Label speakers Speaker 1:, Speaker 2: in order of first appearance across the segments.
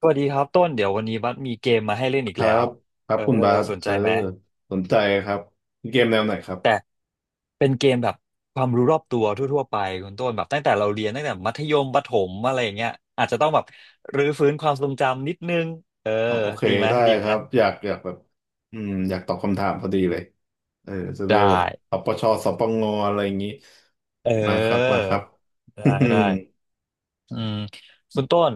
Speaker 1: สวัสดีครับต้นเดี๋ยววันนี้บัสมีเกมมาให้เล่นอีก
Speaker 2: ครั
Speaker 1: แล้ว
Speaker 2: บครับ
Speaker 1: เออ
Speaker 2: คุณบาส
Speaker 1: สนใจไหม
Speaker 2: สนใจครับเกมแนวไหนครับ
Speaker 1: แต่เป็นเกมแบบความรู้รอบตัวทั่วๆไปคุณต้นแบบตั้งแต่เราเรียนตั้งแต่มัธยมประถมอะไรอย่างเงี้ยอาจจะต้องแบบรื้อฟื้นความทรงจำนิดนึงเออ
Speaker 2: อ๋อโอเค
Speaker 1: ดีไหม
Speaker 2: ได้
Speaker 1: ดี
Speaker 2: ค
Speaker 1: ไหม
Speaker 2: รับอยากแบบอืมอยากตอบคำถามพอดีเลยเออจะได้
Speaker 1: ได้
Speaker 2: แบบปปชสปงอะไรอย่างนี้
Speaker 1: เ
Speaker 2: มาครับมา
Speaker 1: ออ
Speaker 2: ครับ อื
Speaker 1: ได้ได้
Speaker 2: ม
Speaker 1: อืมคุณต้น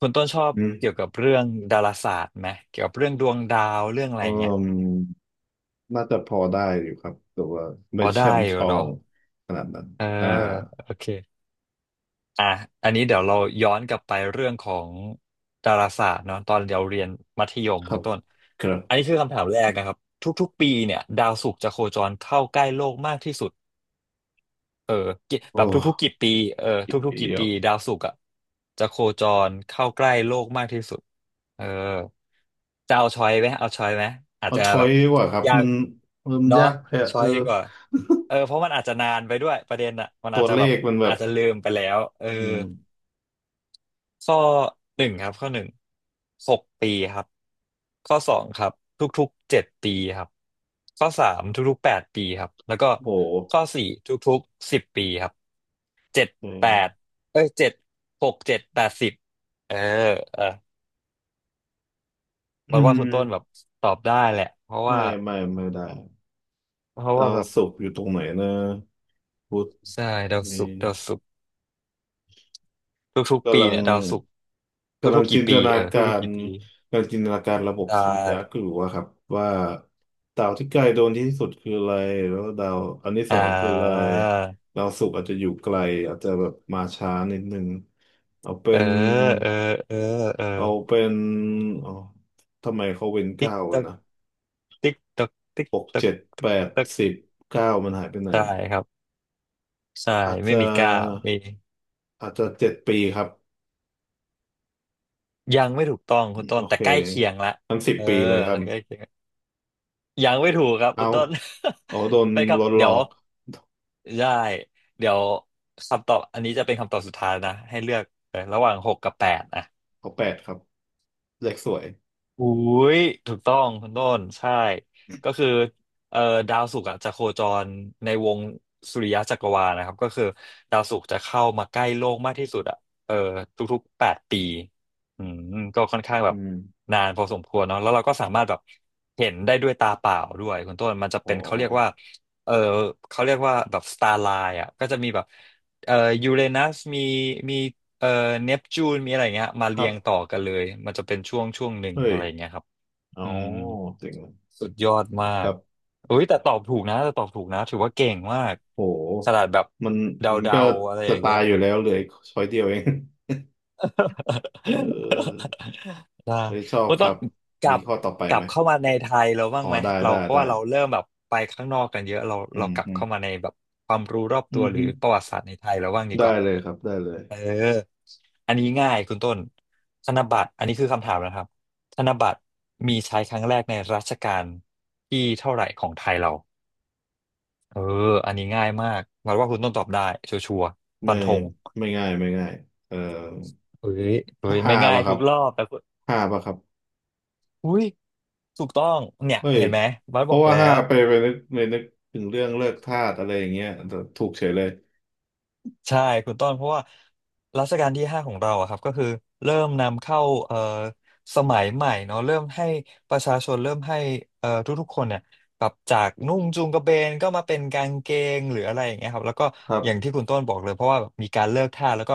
Speaker 1: คุณต้นชอบ
Speaker 2: อืม
Speaker 1: เกี่ยวกับเรื่องดาราศาสตร์ไหมเกี่ยวกับเรื่องดวงดาวเรื่องอะไร
Speaker 2: อื
Speaker 1: อย่างเงี้ย
Speaker 2: มน่าจะพอได้อยู่ครับแต่ว่า
Speaker 1: พ
Speaker 2: ไม่
Speaker 1: อได้
Speaker 2: เชื่อม
Speaker 1: อ
Speaker 2: ช
Speaker 1: ยู่
Speaker 2: อ
Speaker 1: เนาะ
Speaker 2: งขนาดนั้น
Speaker 1: เออ
Speaker 2: อ่า
Speaker 1: โอเค อ่ะอันนี้เดี๋ยวเราย้อนกลับไปเรื่องของดาราศาสตร์เนาะตอนเราเรียนมัธยม
Speaker 2: ครั
Speaker 1: คุณ
Speaker 2: บ
Speaker 1: ต้น
Speaker 2: ครั
Speaker 1: อัน
Speaker 2: บ
Speaker 1: นี้คือคำถามแรกนะครับทุกๆปีเนี่ยดาวศุกร์จะโคจรเข้าใกล้โลกมากที่สุดกี่แบ
Speaker 2: โอ้
Speaker 1: บทุกๆกี่ปีเออ
Speaker 2: เด
Speaker 1: ทุกๆกี่
Speaker 2: ี๋ยว
Speaker 1: ปีดาวศุกร์อ่ะจะโคจรเข้าใกล้โลกมากที่สุดเออจะเอาช้อยไหมเอาช้อยไหมอาจ
Speaker 2: เอา
Speaker 1: จะ
Speaker 2: ช้อ
Speaker 1: แบ
Speaker 2: ย
Speaker 1: บ
Speaker 2: ดีกว่าครับ
Speaker 1: ยา
Speaker 2: มั
Speaker 1: ก
Speaker 2: นมัน
Speaker 1: เนาะ
Speaker 2: ยากแพ้
Speaker 1: ช้
Speaker 2: เอ
Speaker 1: อ
Speaker 2: อ
Speaker 1: ยดีกว่าเออเพราะมันอาจจะนานไปด้วยประเด็นอ่ะมัน
Speaker 2: ตั
Speaker 1: อาจ
Speaker 2: ว
Speaker 1: จะ
Speaker 2: เล
Speaker 1: แบบ
Speaker 2: ขมันแบ
Speaker 1: อา
Speaker 2: บ
Speaker 1: จจะลืมไปแล้วเออ
Speaker 2: อืม
Speaker 1: ข้อหนึ่งครับข้อหนึ่งหกปีครับข้อสองครับทุกๆเจ็ดปีครับข้อสามทุกๆแปดปีครับแล้วก็
Speaker 2: โห
Speaker 1: ข้อสี่ทุกๆสิบปีครับเจ็ด
Speaker 2: อื
Speaker 1: แป
Speaker 2: ม
Speaker 1: ดเอ้ยเจ็ดหกเจ็ดแปดสิบเออเออ
Speaker 2: อื
Speaker 1: บอกว่า
Speaker 2: ม
Speaker 1: คุณต้นแบบตอบได้แหละเพราะว่า
Speaker 2: ไม่ได้
Speaker 1: เพราะ
Speaker 2: ดา
Speaker 1: ว่า
Speaker 2: ว
Speaker 1: แบบ
Speaker 2: ศุกร์อยู่ตรงไหนนะพุธ
Speaker 1: ใช่ดาว
Speaker 2: มี
Speaker 1: ศุกร์ดาวศุกร์ทุกๆปี
Speaker 2: กำลัง
Speaker 1: เนี่ยดาวศุกร์
Speaker 2: กำลั
Speaker 1: ทุ
Speaker 2: ง
Speaker 1: กๆ
Speaker 2: จิ
Speaker 1: กี่
Speaker 2: นต
Speaker 1: ปี
Speaker 2: นา
Speaker 1: เออ
Speaker 2: กา
Speaker 1: ทุกๆ
Speaker 2: ร
Speaker 1: กี่ปี
Speaker 2: กำลังจินตนาการระบบ
Speaker 1: ได้
Speaker 2: สุริยะก็อยู่ว่าครับว่าดาวที่ใกล้โดนที่สุดคืออะไรแล้วดาวอันที่ส
Speaker 1: อ่
Speaker 2: องคืออะไร
Speaker 1: า
Speaker 2: ดาวศุกร์อาจจะอยู่ไกลอาจจะแบบมาช้านิดนึงเอาเป็
Speaker 1: เออ
Speaker 2: น
Speaker 1: เออเออเออ
Speaker 2: เอาเป็นอ๋อทำไมเขาเว้น
Speaker 1: ติ๊
Speaker 2: เก้า
Speaker 1: กต
Speaker 2: ไว้
Speaker 1: อก
Speaker 2: นะ
Speaker 1: ติ๊กตอกติ๊ก
Speaker 2: หก
Speaker 1: ตอก
Speaker 2: เจ็ด
Speaker 1: ติ๊
Speaker 2: แป
Speaker 1: ก
Speaker 2: ด
Speaker 1: ตอก
Speaker 2: สิบเก้ามันหายไปไหน
Speaker 1: ใช่ครับใช่
Speaker 2: อาจ
Speaker 1: ไม่
Speaker 2: จะ
Speaker 1: มีก้าวมี
Speaker 2: อาจจะเจ็ดปีครับ
Speaker 1: ยังไม่ถูกต้องคุณต้
Speaker 2: โอ
Speaker 1: นแต่
Speaker 2: เค
Speaker 1: ใกล้เคียงละ
Speaker 2: งั้นสิบ
Speaker 1: เออ
Speaker 2: ปีเลยครั
Speaker 1: แต่
Speaker 2: บ
Speaker 1: ใกล้เคียงยังไม่ถูกครับคุ
Speaker 2: เอา
Speaker 1: ณต้น
Speaker 2: เอาโดน
Speaker 1: ไปครั
Speaker 2: ล
Speaker 1: บ
Speaker 2: ดหล
Speaker 1: เดี๋
Speaker 2: อ
Speaker 1: ยว
Speaker 2: ก
Speaker 1: ได้เดี๋ยวคำตอบอันนี้จะเป็นคำตอบสุดท้ายนะให้เลือกเออระหว่างหกกับแปด
Speaker 2: เอาแปดครับเลขสวย
Speaker 1: อุ้ยถูกต้องคุณต้นใช่ก็คือเอ่อดาวศุกร์อะจะโคจรในวงสุริยะจักรวาลนะครับก็คือดาวศุกร์จะเข้ามาใกล้โลกมากที่สุดอ่ะเออทุกๆแปดปีอืมก็ค่อนข้างแบ
Speaker 2: อื
Speaker 1: บ
Speaker 2: ม
Speaker 1: นานพอสมควรเนาะแล้วเราก็สามารถแบบเห็นได้ด้วยตาเปล่าด้วยคุณต้นมันจะ
Speaker 2: อ๋อ
Speaker 1: เป็นเขาเรียกว่าเออเขาเรียกว่าแบบสตาร์ไลน์อ่ะก็จะมีแบบเอ่อยูเรนัสมี เอ่อเนปจูนมีอะไรเงี้ยมา
Speaker 2: ค
Speaker 1: เรี
Speaker 2: รั
Speaker 1: ย
Speaker 2: บ
Speaker 1: งต่อกันเลยมันจะเป็นช่วงหนึ่ง
Speaker 2: เฮ้ย
Speaker 1: อะไรเงี้ยครับ
Speaker 2: อ๋อ
Speaker 1: อืม
Speaker 2: จริงเลย
Speaker 1: สุดยอดมา
Speaker 2: ค
Speaker 1: ก
Speaker 2: รับ
Speaker 1: อุ้ยแต่ตอบถูกนะแต่ตอบถูกนะถือว่าเก่งมาก
Speaker 2: โห
Speaker 1: ขนาดแบบ
Speaker 2: มัน
Speaker 1: เ
Speaker 2: มัน
Speaker 1: ดา
Speaker 2: ก็
Speaker 1: ๆอะไร
Speaker 2: จะ
Speaker 1: อย่าง
Speaker 2: ตา
Speaker 1: เงี้ย
Speaker 2: ยอยู่แล้วเหลยช้อยเดียวเอง เออ
Speaker 1: ได้
Speaker 2: เฮ้ยชอบ
Speaker 1: ว่า
Speaker 2: ค
Speaker 1: ต้อ
Speaker 2: รั
Speaker 1: น
Speaker 2: บ
Speaker 1: กลั
Speaker 2: มี
Speaker 1: บ
Speaker 2: ข้อต่อไป
Speaker 1: กลั
Speaker 2: ไห
Speaker 1: บ
Speaker 2: ม
Speaker 1: เข้ามาในไทยเราบ้า
Speaker 2: อ๋
Speaker 1: ง
Speaker 2: อ
Speaker 1: ไหม
Speaker 2: ได้
Speaker 1: เรา
Speaker 2: ได้
Speaker 1: เพราะ
Speaker 2: ได้
Speaker 1: ว่าเราเริ่มแบบไปข้างนอกกันเยอะเรา
Speaker 2: อื
Speaker 1: เรา
Speaker 2: ม
Speaker 1: กลับ
Speaker 2: อืม
Speaker 1: เข้ามาในแบบความรู้รอบ
Speaker 2: อื
Speaker 1: ตัว
Speaker 2: ม
Speaker 1: หรื
Speaker 2: ฮึ
Speaker 1: อประวัติศาสตร์ในไทยเราบ้างดี
Speaker 2: ได้
Speaker 1: กว่า
Speaker 2: เลยครับได้เลย
Speaker 1: เอออันนี้ง่ายคุณต้นธนบัตรอันนี้คือคำถามนะครับธนบัตรมีใช้ครั้งแรกในรัชกาลที่เท่าไหร่ของไทยเราเอออันนี้ง่ายมากหวังว่าคุณต้นตอบได้ชัวร์ๆฟั
Speaker 2: ไม่
Speaker 1: นธง
Speaker 2: ไม่ง่ายเอ่อ
Speaker 1: เฮ้ยเฮ้ย
Speaker 2: ห้า
Speaker 1: ไม่ง่าย
Speaker 2: ป่ะค
Speaker 1: ทุ
Speaker 2: รับ
Speaker 1: กรอบแต่คุณ
Speaker 2: ห้าป่ะครับ
Speaker 1: อุ้ยถูกต้องเนี่ย
Speaker 2: เฮ้ย
Speaker 1: เห็นไหมบัส
Speaker 2: เพ
Speaker 1: บอ
Speaker 2: ราะ
Speaker 1: ก
Speaker 2: ว่า
Speaker 1: แล้
Speaker 2: ห้า
Speaker 1: ว
Speaker 2: ไปนึกถึงเรื่องเลิกทาสอะไรอย่างเงี้ยแต่ถูกเฉยเลย
Speaker 1: ใช่คุณต้นเพราะว่ารัชกาลที่ห้าของเราอะครับก็คือเริ่มนำเข้าเอ่อสมัยใหม่เนาะเริ่มให้ประชาชนเริ่มให้ทุกๆคนเนี่ยปรับจากนุ่งจูงกระเบนก็มาเป็นกางเกงหรืออะไรอย่างเงี้ยครับแล้วก็
Speaker 2: ครั
Speaker 1: อย่างที่
Speaker 2: บ
Speaker 1: คุณต้นบอกเลยเพราะว่าแบบมีการเลิกทาสแล้วก็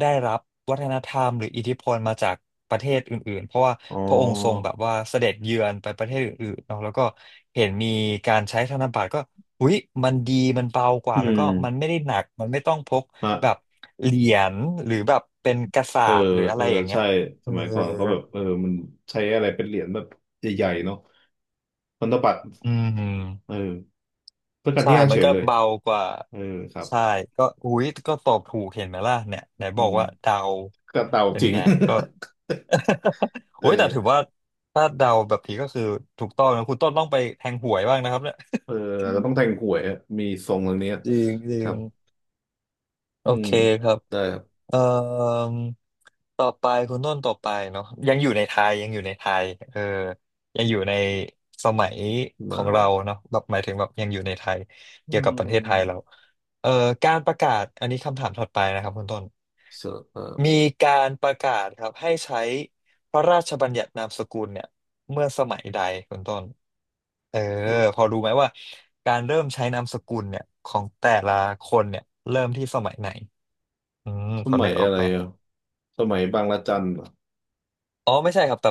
Speaker 1: ได้รับวัฒนธรรมหรืออิทธิพลมาจากประเทศอื่นๆเพราะว่า
Speaker 2: อ๋อ
Speaker 1: พระองค์ทรงแบบว่าเสด็จเยือนไปประเทศอื่นๆเนาะแล้วก็เห็นมีการใช้ธนบัตรก็ อุ๊ยมันดีมันเบาก
Speaker 2: อื
Speaker 1: ว่าแล้ว
Speaker 2: ม
Speaker 1: ก็มันไม่ได้หนักมันไม่ต้องพกแบบ
Speaker 2: ฮะ
Speaker 1: เหรียญหรือแบบเป็นกระสา
Speaker 2: เออ
Speaker 1: บหรืออะ
Speaker 2: เอ
Speaker 1: ไร
Speaker 2: อ
Speaker 1: อย่างเงี้
Speaker 2: ใช่
Speaker 1: ยเอ
Speaker 2: ส
Speaker 1: อ
Speaker 2: มัยก่อนก็แบบเออมันใช้อะไรเป็นเหรียญแบบใหญ่ๆเนาะพันธบัตร
Speaker 1: อืม
Speaker 2: เออเพื่อการ
Speaker 1: ใช่
Speaker 2: ที่ห้า
Speaker 1: มั
Speaker 2: เฉ
Speaker 1: น
Speaker 2: ย
Speaker 1: ก็
Speaker 2: เลย
Speaker 1: เบากว่า
Speaker 2: เออครับ
Speaker 1: ใช่ก็อุ๊ยก็ตอบถูกเห็นไหมล่ะเนี่ยไหน
Speaker 2: อื
Speaker 1: บอก
Speaker 2: ม
Speaker 1: ว่าเดา
Speaker 2: กระเต่า
Speaker 1: เป็
Speaker 2: จ
Speaker 1: น
Speaker 2: ริง
Speaker 1: ไง ก็
Speaker 2: เอ
Speaker 1: โอ้ยแต่ถือว่า
Speaker 2: อ
Speaker 1: ถ้าเดาแบบนี้ก็คือถูกต้องนะคุณต้นต้องไปแทงหวยบ้างนะครับเนี่ย
Speaker 2: เอออาจจะต้องแต่งหวยอะมีทรงตรงเนี้ย
Speaker 1: จริงจริ
Speaker 2: ครั
Speaker 1: ง
Speaker 2: บ
Speaker 1: โอ
Speaker 2: อืม
Speaker 1: เคครับ
Speaker 2: ได้ครับ
Speaker 1: เอ่อต่อไปคุณต้นต่อไปเนาะยังอยู่ในไทยยังอยู่ในไทยเออยังอยู่ในสมัยขอ
Speaker 2: มา
Speaker 1: ง
Speaker 2: ห
Speaker 1: เรา
Speaker 2: มา
Speaker 1: เนาะแบบหมายถึงแบบยังอยู่ในไทย
Speaker 2: อื
Speaker 1: เกี่ยวกับประเทศไทยเรา
Speaker 2: ม
Speaker 1: เอ่อการประกาศอันนี้คำถามถัดไปนะครับคุณต้น
Speaker 2: เสอเอ
Speaker 1: มีการประกาศครับให้ใช้พระราชบัญญัตินามสกุลเนี่ย เมื่อสมัยใดคุณต้นเออ
Speaker 2: อ
Speaker 1: พอรู้ไหมว่าการเริ่มใช้นามสกุลเนี่ยของแต่ละคนเนี่ยเริ่มที่สมัยไหนอืม
Speaker 2: ส
Speaker 1: พอ
Speaker 2: มั
Speaker 1: นึ
Speaker 2: ย
Speaker 1: กออ
Speaker 2: อะ
Speaker 1: ก
Speaker 2: ไร
Speaker 1: ไหม
Speaker 2: อ่ะสมัยบางระจันเหรอ
Speaker 1: อ๋อไม่ใช่ครับแต่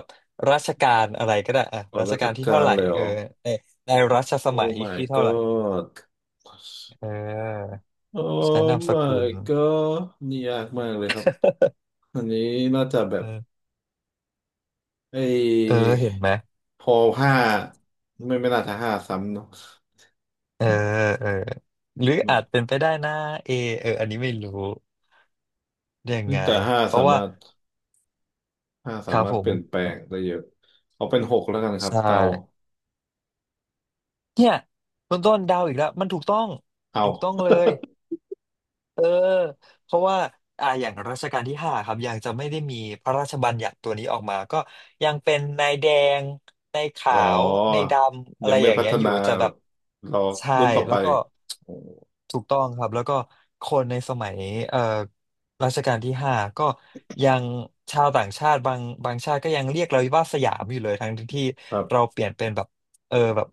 Speaker 1: รัชกาลอะไรก็ได้อ่ะ
Speaker 2: อ๋อ
Speaker 1: รัช
Speaker 2: รัช
Speaker 1: กาลที่
Speaker 2: กา
Speaker 1: เท่า
Speaker 2: ล
Speaker 1: ไหร่
Speaker 2: เลยเหรอ
Speaker 1: ในรัชส
Speaker 2: โอ้
Speaker 1: มัย
Speaker 2: my
Speaker 1: ที่เท่าไหร่
Speaker 2: god
Speaker 1: เออ
Speaker 2: โอ้
Speaker 1: ใช้นามสกุ
Speaker 2: my
Speaker 1: ล
Speaker 2: god นี่ยากมากเลยครับอันนี้น่าจะแบ
Speaker 1: เอ
Speaker 2: บ
Speaker 1: อ
Speaker 2: ไอ
Speaker 1: เออ
Speaker 2: ้
Speaker 1: เห็นไหม
Speaker 2: พอห้าไม่น่าจะห้าซ้ำเนาะ
Speaker 1: เออเออหรือ
Speaker 2: ไม่
Speaker 1: อาจเป็นไปได้นะเออันนี้ไม่รู้ได้ยังไง
Speaker 2: แต่ห้า
Speaker 1: เพ
Speaker 2: สา
Speaker 1: ราะว่า
Speaker 2: มารถ ห้า
Speaker 1: ค
Speaker 2: สา
Speaker 1: รับ
Speaker 2: มาร
Speaker 1: ผ
Speaker 2: ถเปลี่ยนแปล
Speaker 1: ม
Speaker 2: งได้เยอะเอาเป็นหกแล้วกันครับ
Speaker 1: ใช่
Speaker 2: เตา
Speaker 1: เนี่ยคุณต้นเดาวอีกแล้วมันถูกต้อง
Speaker 2: เอ
Speaker 1: ถูกต้อง
Speaker 2: า
Speaker 1: เลยเออเพราะว่าอย่างรัชกาลที่ห้าครับยังจะไม่ได้มีพระราชบัญญัติตัวนี้ออกมาก็ยังเป็นนายแดงนายขา
Speaker 2: อ๋อ
Speaker 1: วนายดำอะ
Speaker 2: ยั
Speaker 1: ไร
Speaker 2: งไม่
Speaker 1: อย่าง
Speaker 2: พั
Speaker 1: เงี้
Speaker 2: ฒ
Speaker 1: ยอ
Speaker 2: นา
Speaker 1: ยู่จะแบ
Speaker 2: แบ
Speaker 1: บ
Speaker 2: บรอ
Speaker 1: ใช่
Speaker 2: รุ่นต่อไป
Speaker 1: แล้วก็
Speaker 2: โอ้
Speaker 1: ถูกต้องครับแล้วก็คนในสมัยเอ่อรัชกาลที่ห้าก็ยังชาวต่างชาติบางชาติก็ยังเรียกเราว่าสยามอยู่เลยทั้งที่
Speaker 2: ครั
Speaker 1: เรา
Speaker 2: บ
Speaker 1: เปลี่ยนเป็นแบบ แบบ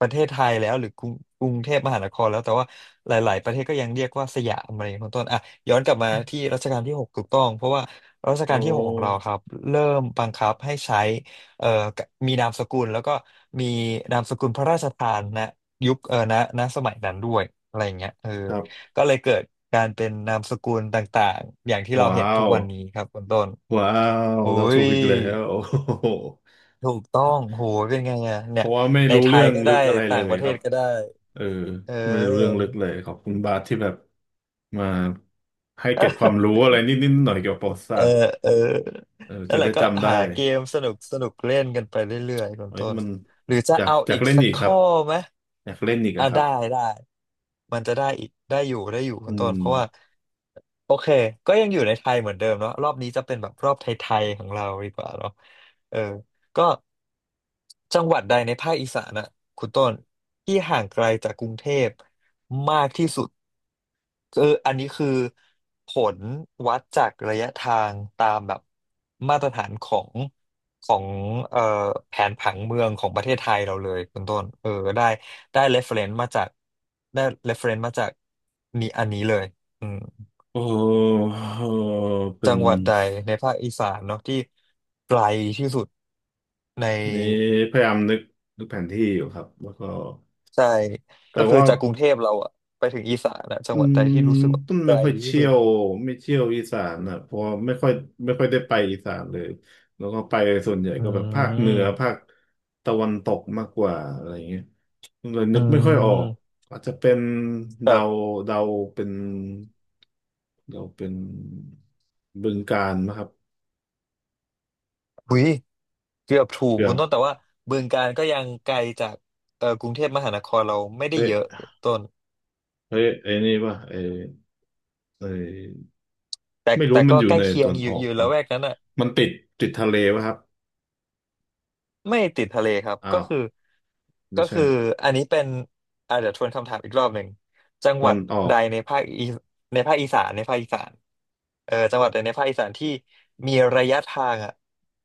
Speaker 1: ประเทศไทยแล้วหรือกรุงเทพมหานครแล้วแต่ว่าหลายๆประเทศก็ยังเรียกว่าสยามอะไรอย่างเงี้ยเป็นต้นอ่ะย้อนกลับมาที่รัชกาลที่หกถูกต้องเพราะว่ารัช
Speaker 2: โอ
Speaker 1: กาลที่หกของเรา
Speaker 2: ้
Speaker 1: ครับเริ่มบังคับให้ใช้เอ่อมีนามสกุลแล้วก็มีนามสกุลพระราชทานนะยุคเออนะนะสมัยนั้นด้วยอะไรอย่างเงี้ย
Speaker 2: ครับ
Speaker 1: ก็เลยเกิดการเป็นนามสกุลต่างๆอย่างที่เรา
Speaker 2: ว้า
Speaker 1: เห็นทุก
Speaker 2: ว
Speaker 1: วันนี้ครับคุณต้น
Speaker 2: ว้าว
Speaker 1: อุ้
Speaker 2: เราถูก
Speaker 1: ย
Speaker 2: อีกแล้ว โอ้โห
Speaker 1: ถูกต้องโหเป็นไงอะ
Speaker 2: เพ
Speaker 1: เนี่ย
Speaker 2: ราะว่าไม่
Speaker 1: ใน
Speaker 2: รู้
Speaker 1: ไท
Speaker 2: เรื่
Speaker 1: ย
Speaker 2: อง
Speaker 1: ก็
Speaker 2: ลึ
Speaker 1: ได้
Speaker 2: กอะไรเล
Speaker 1: ต่าง
Speaker 2: ย
Speaker 1: ประเท
Speaker 2: ครั
Speaker 1: ศ
Speaker 2: บ
Speaker 1: ก็ได้
Speaker 2: เออ
Speaker 1: เ
Speaker 2: ไม่ได้รู้เรื่อง
Speaker 1: ออ
Speaker 2: ลึกเลยขอบคุณบาสที่แบบมาให้เกร็ดความรู้อะไรนิดๆหน่อยๆเกี่ยวกับประวัติศา
Speaker 1: เออ
Speaker 2: สตร์
Speaker 1: เออ
Speaker 2: เออ
Speaker 1: นั่
Speaker 2: จะ
Speaker 1: นแหละ
Speaker 2: ได้
Speaker 1: ก็
Speaker 2: จำได้
Speaker 1: หาเกมสนุกสนุกเล่นกันไปเรื่อยๆคุณ
Speaker 2: เอ้ย
Speaker 1: ต้น
Speaker 2: มัน
Speaker 1: หรือจะ
Speaker 2: อยาก
Speaker 1: เอา
Speaker 2: อยา
Speaker 1: อี
Speaker 2: ก
Speaker 1: ก
Speaker 2: เล่น
Speaker 1: สัก
Speaker 2: อีกครั
Speaker 1: ข้
Speaker 2: บ
Speaker 1: อไหม
Speaker 2: อยากเล่นอีก
Speaker 1: อ่ะ
Speaker 2: อะครั
Speaker 1: ได้
Speaker 2: บ
Speaker 1: ได้มันจะได้อีกได้อยู่ได้อยู่
Speaker 2: อื
Speaker 1: คุณต้น
Speaker 2: ม
Speaker 1: เพราะว่าโอเคก็ยังอยู่ในไทยเหมือนเดิมเนาะ รอบนี้จะเป็นแบบรอบไทยๆของเราดีกว่าเนาะเออก็จังหวัดใดในภาคอีสานน่ะคุณต้นที่ห่างไกลจากกรุงเทพมากที่สุด คืออันนี้คือผลวัดจากระยะทางตามแบบมาตรฐานของเอ่อแผนผังเมืองของประเทศไทยเราเลยคุณต้นได้ได้ reference มาจากได้ reference มาจากนี่อันนี้เลยอืม
Speaker 2: โอ้โหเป็
Speaker 1: จั
Speaker 2: น
Speaker 1: งหวัดใดในภาคอีสานเนาะที่ไกลที่สุดใน
Speaker 2: นี่พยายามนึกนึกแผนที่อยู่ครับแล้วก็
Speaker 1: ใช่
Speaker 2: แต่
Speaker 1: ก็คือ
Speaker 2: ว่า
Speaker 1: จากกรุงเทพเราอะไปถึงอีสานอะจั
Speaker 2: อื
Speaker 1: งหวัดใด
Speaker 2: ม
Speaker 1: ที่รู้สึกว่า
Speaker 2: ต้น
Speaker 1: ไก
Speaker 2: ไม่
Speaker 1: ล
Speaker 2: ค่อย
Speaker 1: ที่
Speaker 2: เชี่
Speaker 1: สุ
Speaker 2: ย
Speaker 1: ด
Speaker 2: วไม่เชี่ยวอีสานอ่ะเพราะว่าไม่ค่อยได้ไปอีสานเลยแล้วก็ไปส่วนใหญ่
Speaker 1: อื
Speaker 2: ก็แบบภาคเหนือ
Speaker 1: ม
Speaker 2: ภาคตะวันตกมากกว่าอะไรอย่างเงี้ยเลย
Speaker 1: อื
Speaker 2: นึกไม่ค่อยออก
Speaker 1: ม
Speaker 2: อาจจะเป็น
Speaker 1: แต่
Speaker 2: เดาเดาเป็นเดาเป็นบึงกาฬนะครับ
Speaker 1: หุยเกือบถูก
Speaker 2: เกือ
Speaker 1: คุณ
Speaker 2: บ
Speaker 1: ต้นแต่ว่าบึงกาฬก็ยังไกลจากกรุงเทพมหานครเราไม่ได้
Speaker 2: เอ๊
Speaker 1: เยอะ
Speaker 2: ะ
Speaker 1: ต้น
Speaker 2: เฮ้ยไอ้นี่ป่ะไอ้
Speaker 1: แต่
Speaker 2: ไม่รู้
Speaker 1: แต่
Speaker 2: มัน
Speaker 1: ก็
Speaker 2: อยู่
Speaker 1: ใกล้
Speaker 2: ใน
Speaker 1: เคี
Speaker 2: ต
Speaker 1: ย
Speaker 2: อ
Speaker 1: ง
Speaker 2: น
Speaker 1: อ
Speaker 2: ออ
Speaker 1: ยู่อ
Speaker 2: ก
Speaker 1: ยู่
Speaker 2: เปล่า
Speaker 1: ละแวกนั้นอ่ะ
Speaker 2: มันติดทะเลป่ะครับ
Speaker 1: ไม่ติดทะเลครับ
Speaker 2: อ้า
Speaker 1: ก็
Speaker 2: ว
Speaker 1: คือ
Speaker 2: ไม่
Speaker 1: ก็
Speaker 2: ใช่
Speaker 1: คืออันนี้เป็นอาจจะเดี๋ยวทวนคำถามอีกรอบหนึ่งจัง
Speaker 2: ต
Speaker 1: ห
Speaker 2: อ
Speaker 1: วั
Speaker 2: น
Speaker 1: ด
Speaker 2: ออ
Speaker 1: ใด
Speaker 2: ก
Speaker 1: ในภาคอีในภาคอีสานในภาคอีสานเออจังหวัดใดในภาคอีสานที่มีระยะทางอ่ะ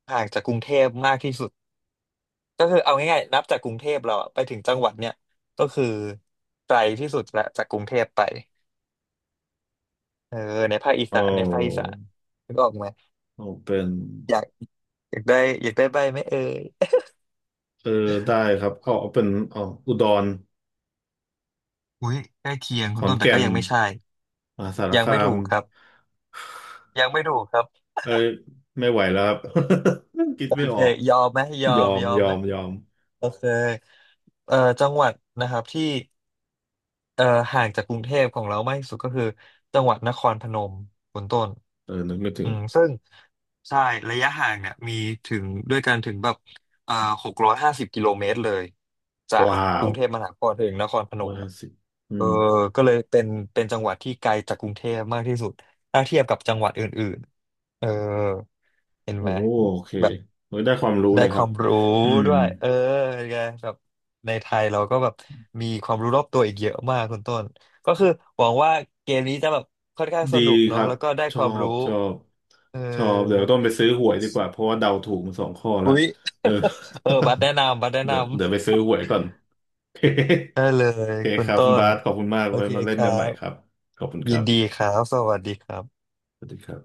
Speaker 1: ห่างจากกรุงเทพมากที่สุด ก็คือเอาง่ายๆนับจากกรุงเทพเราอะไปถึงจังหวัดเนี่ยก็คือไกลที่สุดละจากกรุงเทพไปเออในภาคอี
Speaker 2: เอ
Speaker 1: สานในภาคอีสา
Speaker 2: า
Speaker 1: นนึกออกไหม
Speaker 2: เอาเป็น
Speaker 1: อยากอยากได้อยากได้ใบไหมเอ่ย
Speaker 2: เออได้ครับเอาเอาเป็นเอาอุดร
Speaker 1: อุ้ยใกล้เคียง
Speaker 2: ข
Speaker 1: คุณ
Speaker 2: อน
Speaker 1: ต้นแต่
Speaker 2: แก่
Speaker 1: ก็
Speaker 2: น
Speaker 1: ยังไม่ใช่
Speaker 2: มหาสาร
Speaker 1: ยัง
Speaker 2: คา
Speaker 1: ไม่
Speaker 2: ม
Speaker 1: ถูกครับยังไม่ถูกครับ
Speaker 2: เอ้ยไม่ไหวแล้วครับ คิด
Speaker 1: โอ
Speaker 2: ไม่อ
Speaker 1: เค
Speaker 2: อก
Speaker 1: ยอมไหม
Speaker 2: ยอม
Speaker 1: ยอม
Speaker 2: ยอ
Speaker 1: ไหม
Speaker 2: มยอม
Speaker 1: โอเคจังหวัดนะครับที่เอ่อห่างจากกรุงเทพของเรามากที่สุดก็คือจังหวัดนครพนมคุณต้น
Speaker 2: เออนึกไม่ถึ
Speaker 1: อื
Speaker 2: ง
Speaker 1: มซึ่งใช่ระยะห่างเนี่ยมีถึงด้วยกันถึงแบบอ่า650 กิโลเมตรเลยจาก
Speaker 2: ว้า
Speaker 1: กรุ
Speaker 2: ว
Speaker 1: งเทพมหานครถึงนครพน
Speaker 2: วั
Speaker 1: ม
Speaker 2: นะ
Speaker 1: อ่ะ
Speaker 2: สิบอื
Speaker 1: เออ
Speaker 2: ม
Speaker 1: ก็เลยเป็นเป็นจังหวัดที่ไกลจากกรุงเทพมากที่สุดถ้าเทียบกับจังหวัดอื่นๆเห็น
Speaker 2: โอ้
Speaker 1: ไหม
Speaker 2: โอเค
Speaker 1: แบบ
Speaker 2: เฮ้ยได้ความรู้
Speaker 1: ได้
Speaker 2: เลย
Speaker 1: ค
Speaker 2: ครั
Speaker 1: วา
Speaker 2: บ
Speaker 1: มรู้
Speaker 2: อืม
Speaker 1: ด้วยเป็นไงแบบในไทยเราก็แบบมีความรู้รอบตัวอีกเยอะมากคุณต้นก็คือหวังว่าเกมนี้จะแบบค่อนข้างส
Speaker 2: ดี
Speaker 1: นุก
Speaker 2: ค
Speaker 1: เนาะ
Speaker 2: รับ
Speaker 1: แล้วก็ได้
Speaker 2: ช
Speaker 1: ค
Speaker 2: อ
Speaker 1: วาม
Speaker 2: บ
Speaker 1: รู้
Speaker 2: ชอบชอบเดี๋ยว
Speaker 1: เออ
Speaker 2: ต้องไปซื้อหวยดีกว่าเพราะว่าเดาถูกมาสองข้อละ
Speaker 1: อุ๊ย
Speaker 2: เออ
Speaker 1: บัตรแนะนำบัตรแนะ
Speaker 2: เดี๋ยว
Speaker 1: นำ
Speaker 2: เดี๋ยวไปซื้อหวยก่อน โอเค
Speaker 1: ได้เลย
Speaker 2: โอเค
Speaker 1: คุ
Speaker 2: ค
Speaker 1: ณ
Speaker 2: รับ
Speaker 1: ต้
Speaker 2: คุณ
Speaker 1: น
Speaker 2: บาสขอบคุณมาก
Speaker 1: โอ
Speaker 2: ไว้
Speaker 1: เค
Speaker 2: มาเล่
Speaker 1: ค
Speaker 2: น
Speaker 1: รั
Speaker 2: กันใหม่ครับ
Speaker 1: บ
Speaker 2: ขอบคุณค
Speaker 1: ยิ
Speaker 2: รั
Speaker 1: น
Speaker 2: บ
Speaker 1: ดีครับสวัสดีครับ
Speaker 2: สวัสดีครับ